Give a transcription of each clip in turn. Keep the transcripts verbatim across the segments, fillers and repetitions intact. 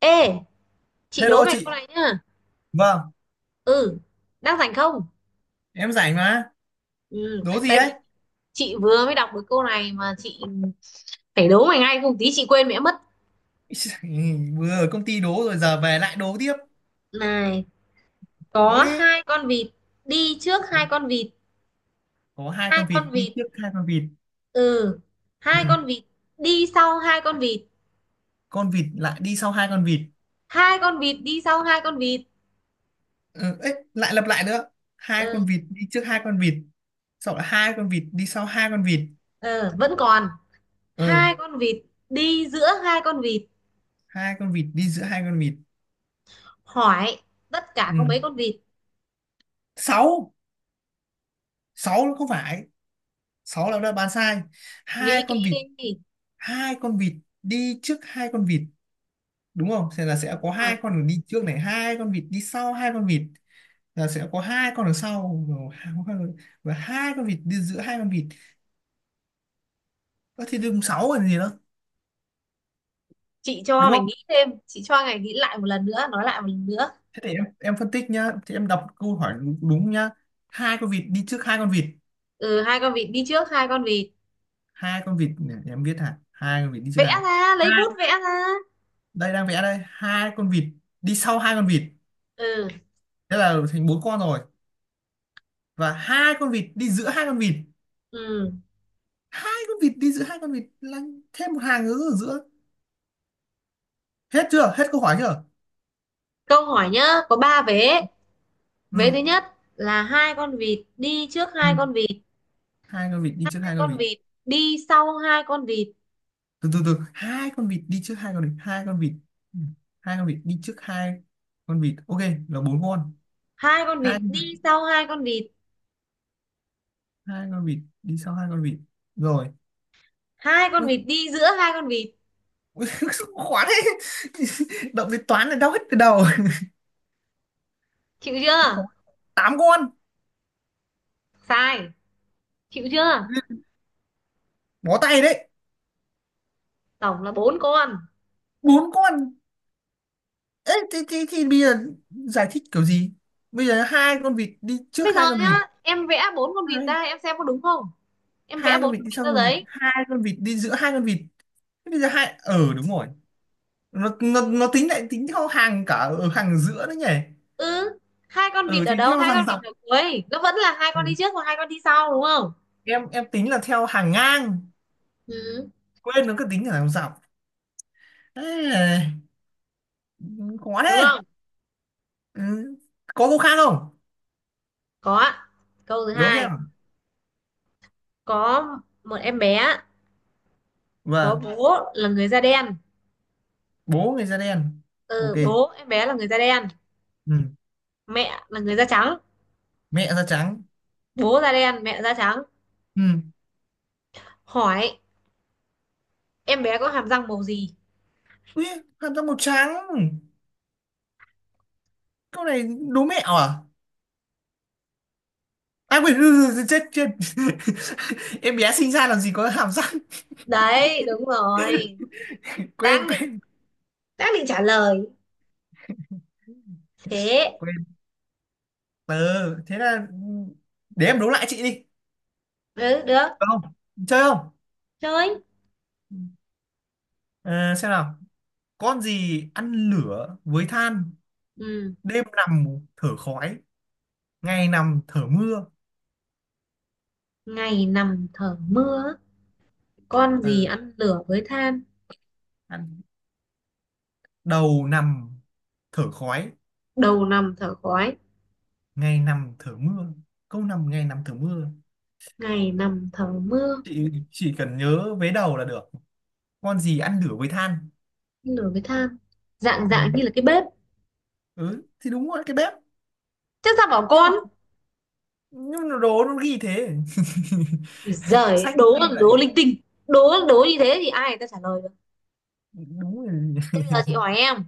Ê, chị đố Hello mày chị, câu này nhá. vâng, Ừ, đang rảnh không? em rảnh mà, Ừ, đố gì tại đấy? vì chị vừa mới đọc được câu này mà chị phải đố mày ngay không tí chị quên mẹ mất. Vừa ở công ty đố rồi giờ về lại đố tiếp, Này, đố có đi. hai con vịt đi trước hai con vịt, Có hai hai con vịt con đi vịt. trước hai con vịt, Ừ, ừ. hai con vịt đi sau hai con vịt, Con vịt lại đi sau hai con vịt, hai con vịt đi sau hai con vịt. ừ. Ấy, lại lặp lại nữa. Hai Ừ, con vịt đi trước hai con vịt, sau đó hai con vịt đi sau hai con vịt, ừ, vẫn còn ừ. hai con vịt đi giữa hai con vịt. Hai con vịt đi giữa hai con vịt, Hỏi tất cả ừ. có mấy con vịt? Sáu, sáu nó không phải, sáu là đã bán sai. Nghĩ Hai con kỹ vịt, đi. hai con vịt đi trước hai con vịt đúng không, thì là sẽ Đúng có rồi. hai con đường đi trước này, hai con vịt đi sau hai con vịt là sẽ có hai con đường sau, và hai con vịt đi giữa hai con vịt. Ơ, thì đúng sáu còn gì nữa, Chị cho đúng mày không? nghĩ thêm, chị cho mày nghĩ lại một lần nữa, nói lại một lần nữa. Thế thì em em phân tích nhá, thì em đọc câu hỏi đúng, đúng nhá. Hai con vịt đi trước hai con vịt, Ừ, hai con vịt đi trước hai con vịt. hai con vịt này, để em viết hả, hai con vịt đi trước Vẽ hai con, ra, lấy bút hai. vẽ ra. Đây đang vẽ đây, hai con vịt đi sau hai con vịt, ừ thế là thành bốn con rồi, và hai con vịt đi giữa hai con vịt. ừ Hai con vịt đi giữa hai con vịt là thêm một hàng nữa ở giữa. Hết chưa, hết câu hỏi chưa? câu hỏi nhá, có ba vế. Vế Ừ. thứ nhất là hai con vịt đi trước Ừ. hai con vịt, Hai con vịt đi trước hai hai con con vịt, vịt đi sau hai con vịt, từ từ từ hai con vịt đi trước hai con vịt, hai con vịt. Ừ. Hai con vịt đi trước hai con vịt, ok, là bốn con. hai con Hai vịt con vịt, đi sau hai con vịt, hai con vịt đi sau hai con vịt, rồi. hai con Ơ, vịt đi giữa hai con vịt. ui, khó thế. Động đến toán là đau hết cái đầu. Chịu Khó. chưa? Tám con. Sai. Chịu chưa? Bó tay đấy. Tổng là bốn con. Bốn con. Ê, thì, thì, thì bây giờ giải thích kiểu gì? Bây giờ hai con vịt đi trước Bây giờ hai con nhá, vịt, em vẽ bốn con vịt hai, ra em xem có đúng không, em vẽ hai con bốn vịt con đi vịt sau, ra xong rồi giấy. hai con vịt đi giữa hai con vịt. Thế bây giờ hai, ờ đúng rồi, nó nó nó tính lại tính theo hàng, cả ở hàng giữa đấy nhỉ. Ừ, hai con vịt Ờ ở thì đâu, theo hai hàng con vịt dọc. ở cuối nó vẫn là hai Ừ. con đi trước và hai con đi sau, đúng không? em em tính là theo hàng ngang, Ừ. quên, nó cứ tính là hàng dọc. Ê, khó Đúng thế. không? Ừ. Có câu khác không? Có ạ. Câu thứ Đố hai: thêm. có một em bé có Vâng. bố là người da đen. Bố người da đen. Ok. Ừ, bố em bé là người da đen, Ừ. mẹ là người da trắng. Mẹ da trắng. Bố da đen mẹ da trắng. Ừ. Hỏi em bé có hàm răng màu gì? Ui, hàm răng màu trắng. Câu này đố mẹo à? À quên, chết chết. Em bé sinh ra làm gì có hàm răng. Đấy, đúng rồi. quên đang định quên đang định trả lời. Thế. quên Ừ, thế là, ừ, để em đố lại chị đi. Ừ được. Được không, chơi không? Chơi. Ờ, xem nào. Con gì ăn lửa với than, Ừ, đêm nằm thở khói, ngày nằm thở mưa. ngày nằm thở mưa, con gì Ừ, ăn lửa với than, ăn, đầu nằm thở khói, đầu nằm thở khói, ngày nằm thở mưa, câu nằm ngày nằm thở mưa. ngày nằm thở mưa. Chị chỉ cần nhớ vế đầu là được. Con gì ăn lửa với than? Lửa với than, dạng Ừ, dạng như là cái bếp. ừ thì đúng rồi, cái bếp. Chắc sao bảo nhưng mà con. nhưng mà đồ nó ghi thế, Ui giời, sách nó đố ghi vậy. đố linh tinh, đố đố như thế thì ai người ta trả lời được? Đúng rồi. Thế bây giờ chị hỏi em: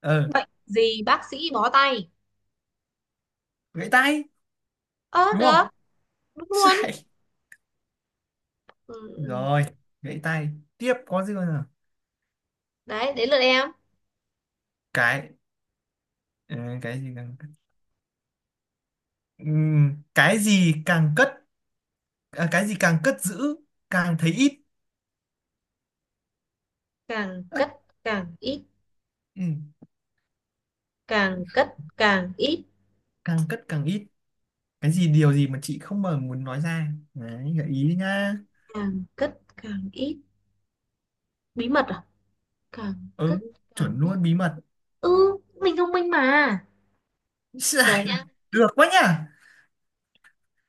Ờ. bệnh gì bác sĩ bó tay? Gãy tay. Ơ Đúng được. không? Đúng luôn. Sai. Ừ. Rồi, gãy tay. Tiếp có gì nữa nào? Đấy, đến lượt em. Cái, ờ, cái gì càng, Ừm, cái gì càng cất, à, cái gì càng cất giữ càng thấy ít. Càng Ơ, cất càng ít, ừ, càng cất càng ít, càng cất càng ít. Cái gì, điều gì mà chị không, mà muốn nói ra. Đấy, gợi ý đi nha. càng cất càng ít. Bí mật à? Càng Ừ, cất càng chuẩn ít. luôn, bí mật. Ừ, mình thông minh mà. Giờ Sai. nhá Được quá nhỉ.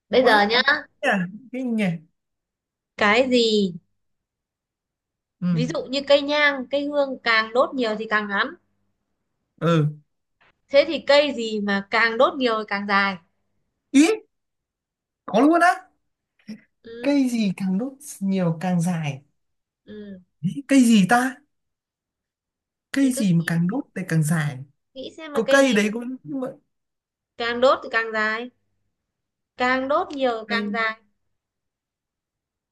bây Quá. giờ nhá, À, kinh nhỉ. cái gì, ví dụ Ừ. như cây nhang, cây hương càng đốt nhiều thì càng ngắn, Ừ. thế thì cây gì mà càng đốt nhiều thì càng dài? Ý, có luôn á. Ừ, Cây gì càng đốt nhiều càng dài. ừ. Ý, cây gì ta, Thì cây cứ gì mà nghĩ, càng đốt thì càng dài. nghĩ xem là Có cây cây gì đấy càng, cũng, nhưng mà, càng đốt thì càng dài, càng đốt nhiều thì càng cây, dài.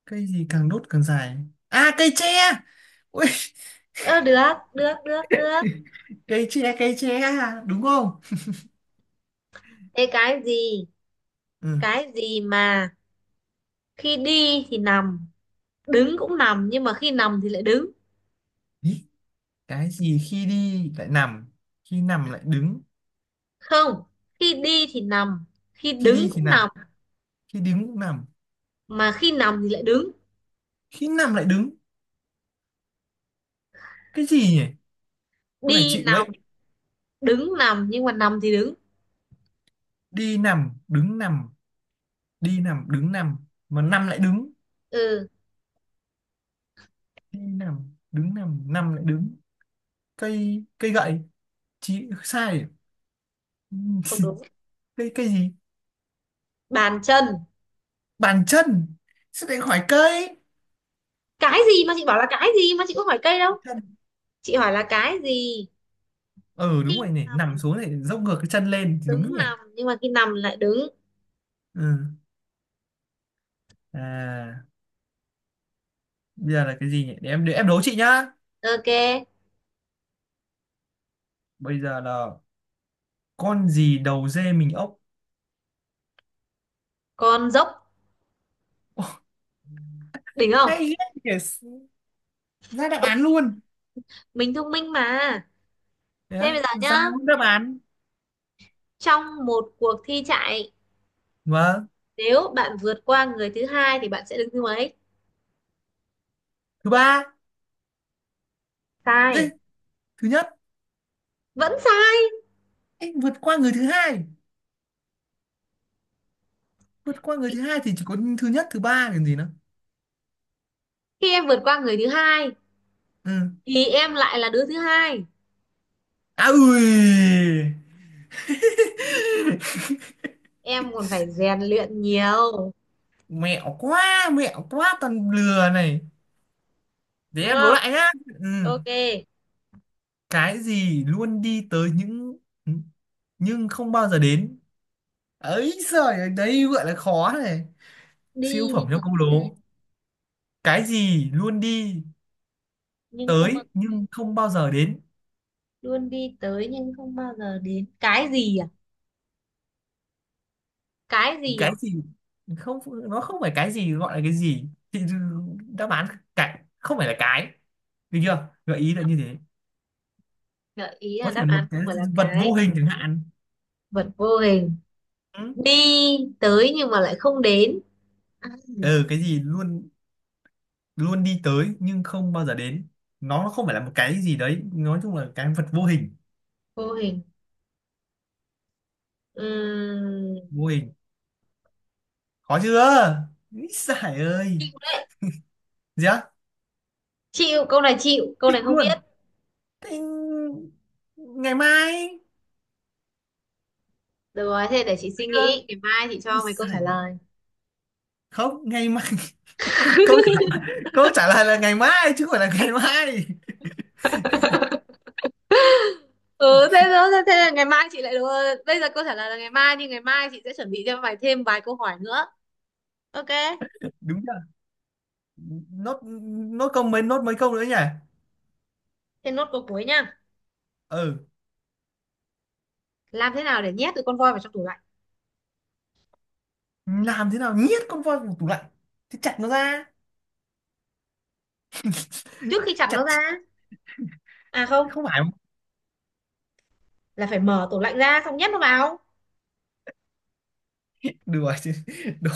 cây gì càng đốt càng dài. À, cây tre. Ui, Ơ được, được, được, được. cây tre, cây tre à, đúng không? Thế cái gì Ừ. cái gì mà khi đi thì nằm, đứng cũng nằm, nhưng mà khi nằm thì lại đứng? Ý, cái gì khi đi lại nằm, khi nằm lại đứng. Không, khi đi thì nằm, khi Khi đứng đi thì cũng nằm, nằm, khi đứng cũng nằm, mà khi nằm thì lại đứng. khi nằm lại đứng. Cái gì nhỉ? Con này Đi chịu nằm, đấy. đứng nằm, nhưng mà nằm thì đứng. Đi nằm đứng nằm, đi nằm đứng nằm, mà nằm lại đứng. Ừ, Đi nằm đứng nằm, nằm lại đứng. Cây cây gậy. Chị sai. không đúng. cây cây gì? Bàn chân. Bàn chân. Sẽ lại khỏi cây. Cái gì mà chị bảo là cái gì mà, chị có hỏi cây đâu, Chân. chị hỏi là cái gì. Ừ Đi đúng rồi nhỉ, nằm, nằm xuống này, dốc ngược cái chân lên thì đứng đúng nhỉ. nằm, nhưng mà khi nằm lại đứng. Ừ. À, bây giờ là cái gì nhỉ, để em để em đố chị nhá. OK, Bây giờ là con gì đầu dê mình ốc. con dốc. Ô, Đỉnh không? hay, ghê nhỉ. Ra đáp Thông án minh, luôn. mình thông minh mà. Thế Yeah. bây giờ Ra nhá, luôn đáp án. trong một cuộc thi chạy, Vâng. nếu bạn vượt qua người thứ hai thì bạn sẽ đứng thứ mấy? Thứ ba. Đi, Sai. thứ nhất. Vẫn sai. Ê, vượt qua người thứ hai, vượt qua người thứ hai thì chỉ có thứ nhất, thứ ba làm gì nữa. Khi em vượt qua người thứ hai Ừ, thì em lại là đứa thứ hai, à ui. em còn phải rèn luyện nhiều. Mẹo quá, mẹo quá, toàn lừa này. Để Đúng em đố không? lại nhá. Ừ. OK. Cái gì luôn đi tới những, ừ, nhưng không bao giờ đến. Ấy giời ơi, đây gọi là khó này, siêu Đi phẩm nhưng cho mà không câu đến. đố. Cái gì luôn đi Nhưng không bao tới nhưng không bao giờ đến? luôn đi tới nhưng không bao giờ đến. cái gì à cái gì Cái à gì? Không, nó không phải cái gì gọi là cái gì, thì đáp án cái không phải là cái. Được chưa, gợi ý là như thế. Gợi ý là Có thể đáp một án cái không phải là vật vô cái, hình chẳng hạn. vật vô hình. Ừ. Đi tới nhưng mà lại không đến. À, Ừ, cái gì luôn, luôn đi tới nhưng không bao giờ đến, nó không phải là một cái gì đấy, nói chung là cái vật vô hình. vô hình. Ừm, Vô hình. Khó chưa? Ý giải ơi. Gì á? chịu câu này, chịu câu này Chịu không luôn. biết. Thế, ngày mai. Được rồi, thế để chị Được suy chưa? nghĩ, ngày mai chị Ui cho mày câu giời. trả lời. Không, ngày mai. Câu, câu trả lời là ngày mai chứ không phải là ngày mai. Ừ thế đó, thế, thế là ngày mai chị lại đúng rồi. Bây giờ câu trả lời là ngày mai, nhưng ngày mai chị sẽ chuẩn bị cho mày thêm vài câu hỏi nữa. OK. Đúng chưa? Nốt. Nốt câu mấy, nốt mấy câu nữa nhỉ. Thế nốt câu cuối nha: Ừ. làm thế nào để nhét được con voi vào trong tủ lạnh? Làm thế nào nhét con voi vào tủ lạnh? Thì chặt nó ra. Trước khi chặt Chặt, nó ra, à không, không phải. là phải mở tủ lạnh ra xong nhét nó vào. Đùa chứ. Đố,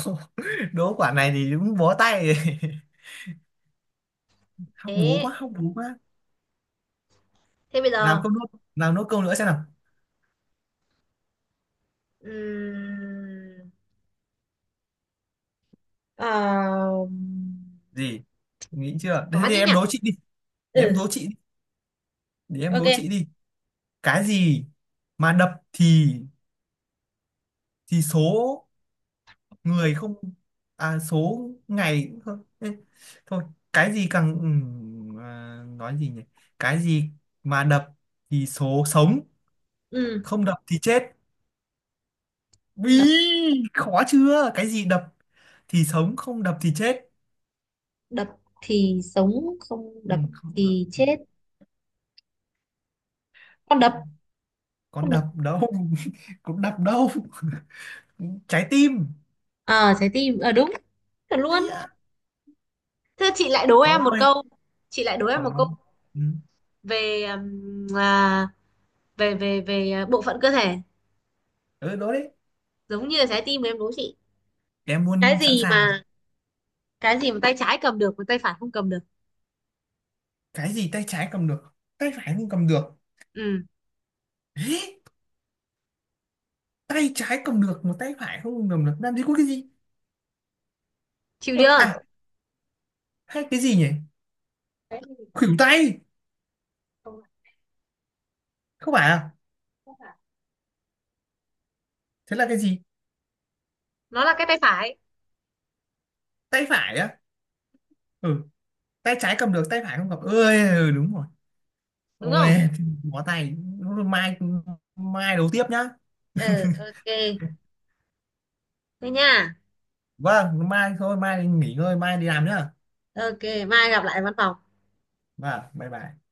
đố quả này thì đúng bó tay. học búa Thế, quá, học búa quá. thế bây Làm giờ câu nốt, làm nốt câu nữa xem nào. ừm, ờ, Gì, nghĩ chưa, thế khó thì thế nhỉ. em đố chị đi. Để em Ừ đố chị đi để em đố OK. chị đi Cái gì mà đập thì thì số người không, à, số ngày cũng thôi. Ê, thôi. Cái gì càng, ừm, à, nói gì nhỉ. Cái gì mà đập thì số sống, Ừ, không đập thì chết. đập Ý, khó chưa, cái gì đập thì sống không đập thì chết? đập thì sống, không Ừ, đập không đập thì thì, chết. Con đập. con con đập đập đâu, cũng đập đâu. Trái tim. ờ, trái tim. Ờ, đúng. Thật luôn. Đấy ạ. Thế chị lại đố em một Thôi, câu, chị lại đố em còn một câu. nó, ừ, Về ừm, à, về về về à, bộ phận cơ thể, ừ đó đấy. giống như là trái tim mà em đố chị. Em cái luôn sẵn gì sàng. mà cái gì mà tay trái cầm được mà tay phải không cầm được? Cái gì tay trái cầm được tay phải không cầm được? Ừ, Ê! Tay trái cầm được mà tay phải không cầm được, làm gì có cái gì. chịu Ờ, à, chưa? hay cái gì nhỉ. Cái gì, Khuỷu tay. không, Không phải à? chắc là Thế là cái gì? nó là cái tay phải. Tay phải á? Ừ. Tay trái cầm được tay phải không cầm, ơi ừ, đúng rồi. Đúng Ôi, không? bó tay. Mai, mai đấu tiếp nhá. Ừ OK. Thế nha. Vâng, mai thôi, mai nghỉ ngơi, mai đi làm nhá. OK, mai gặp lại văn phòng. Vâng, bye bye.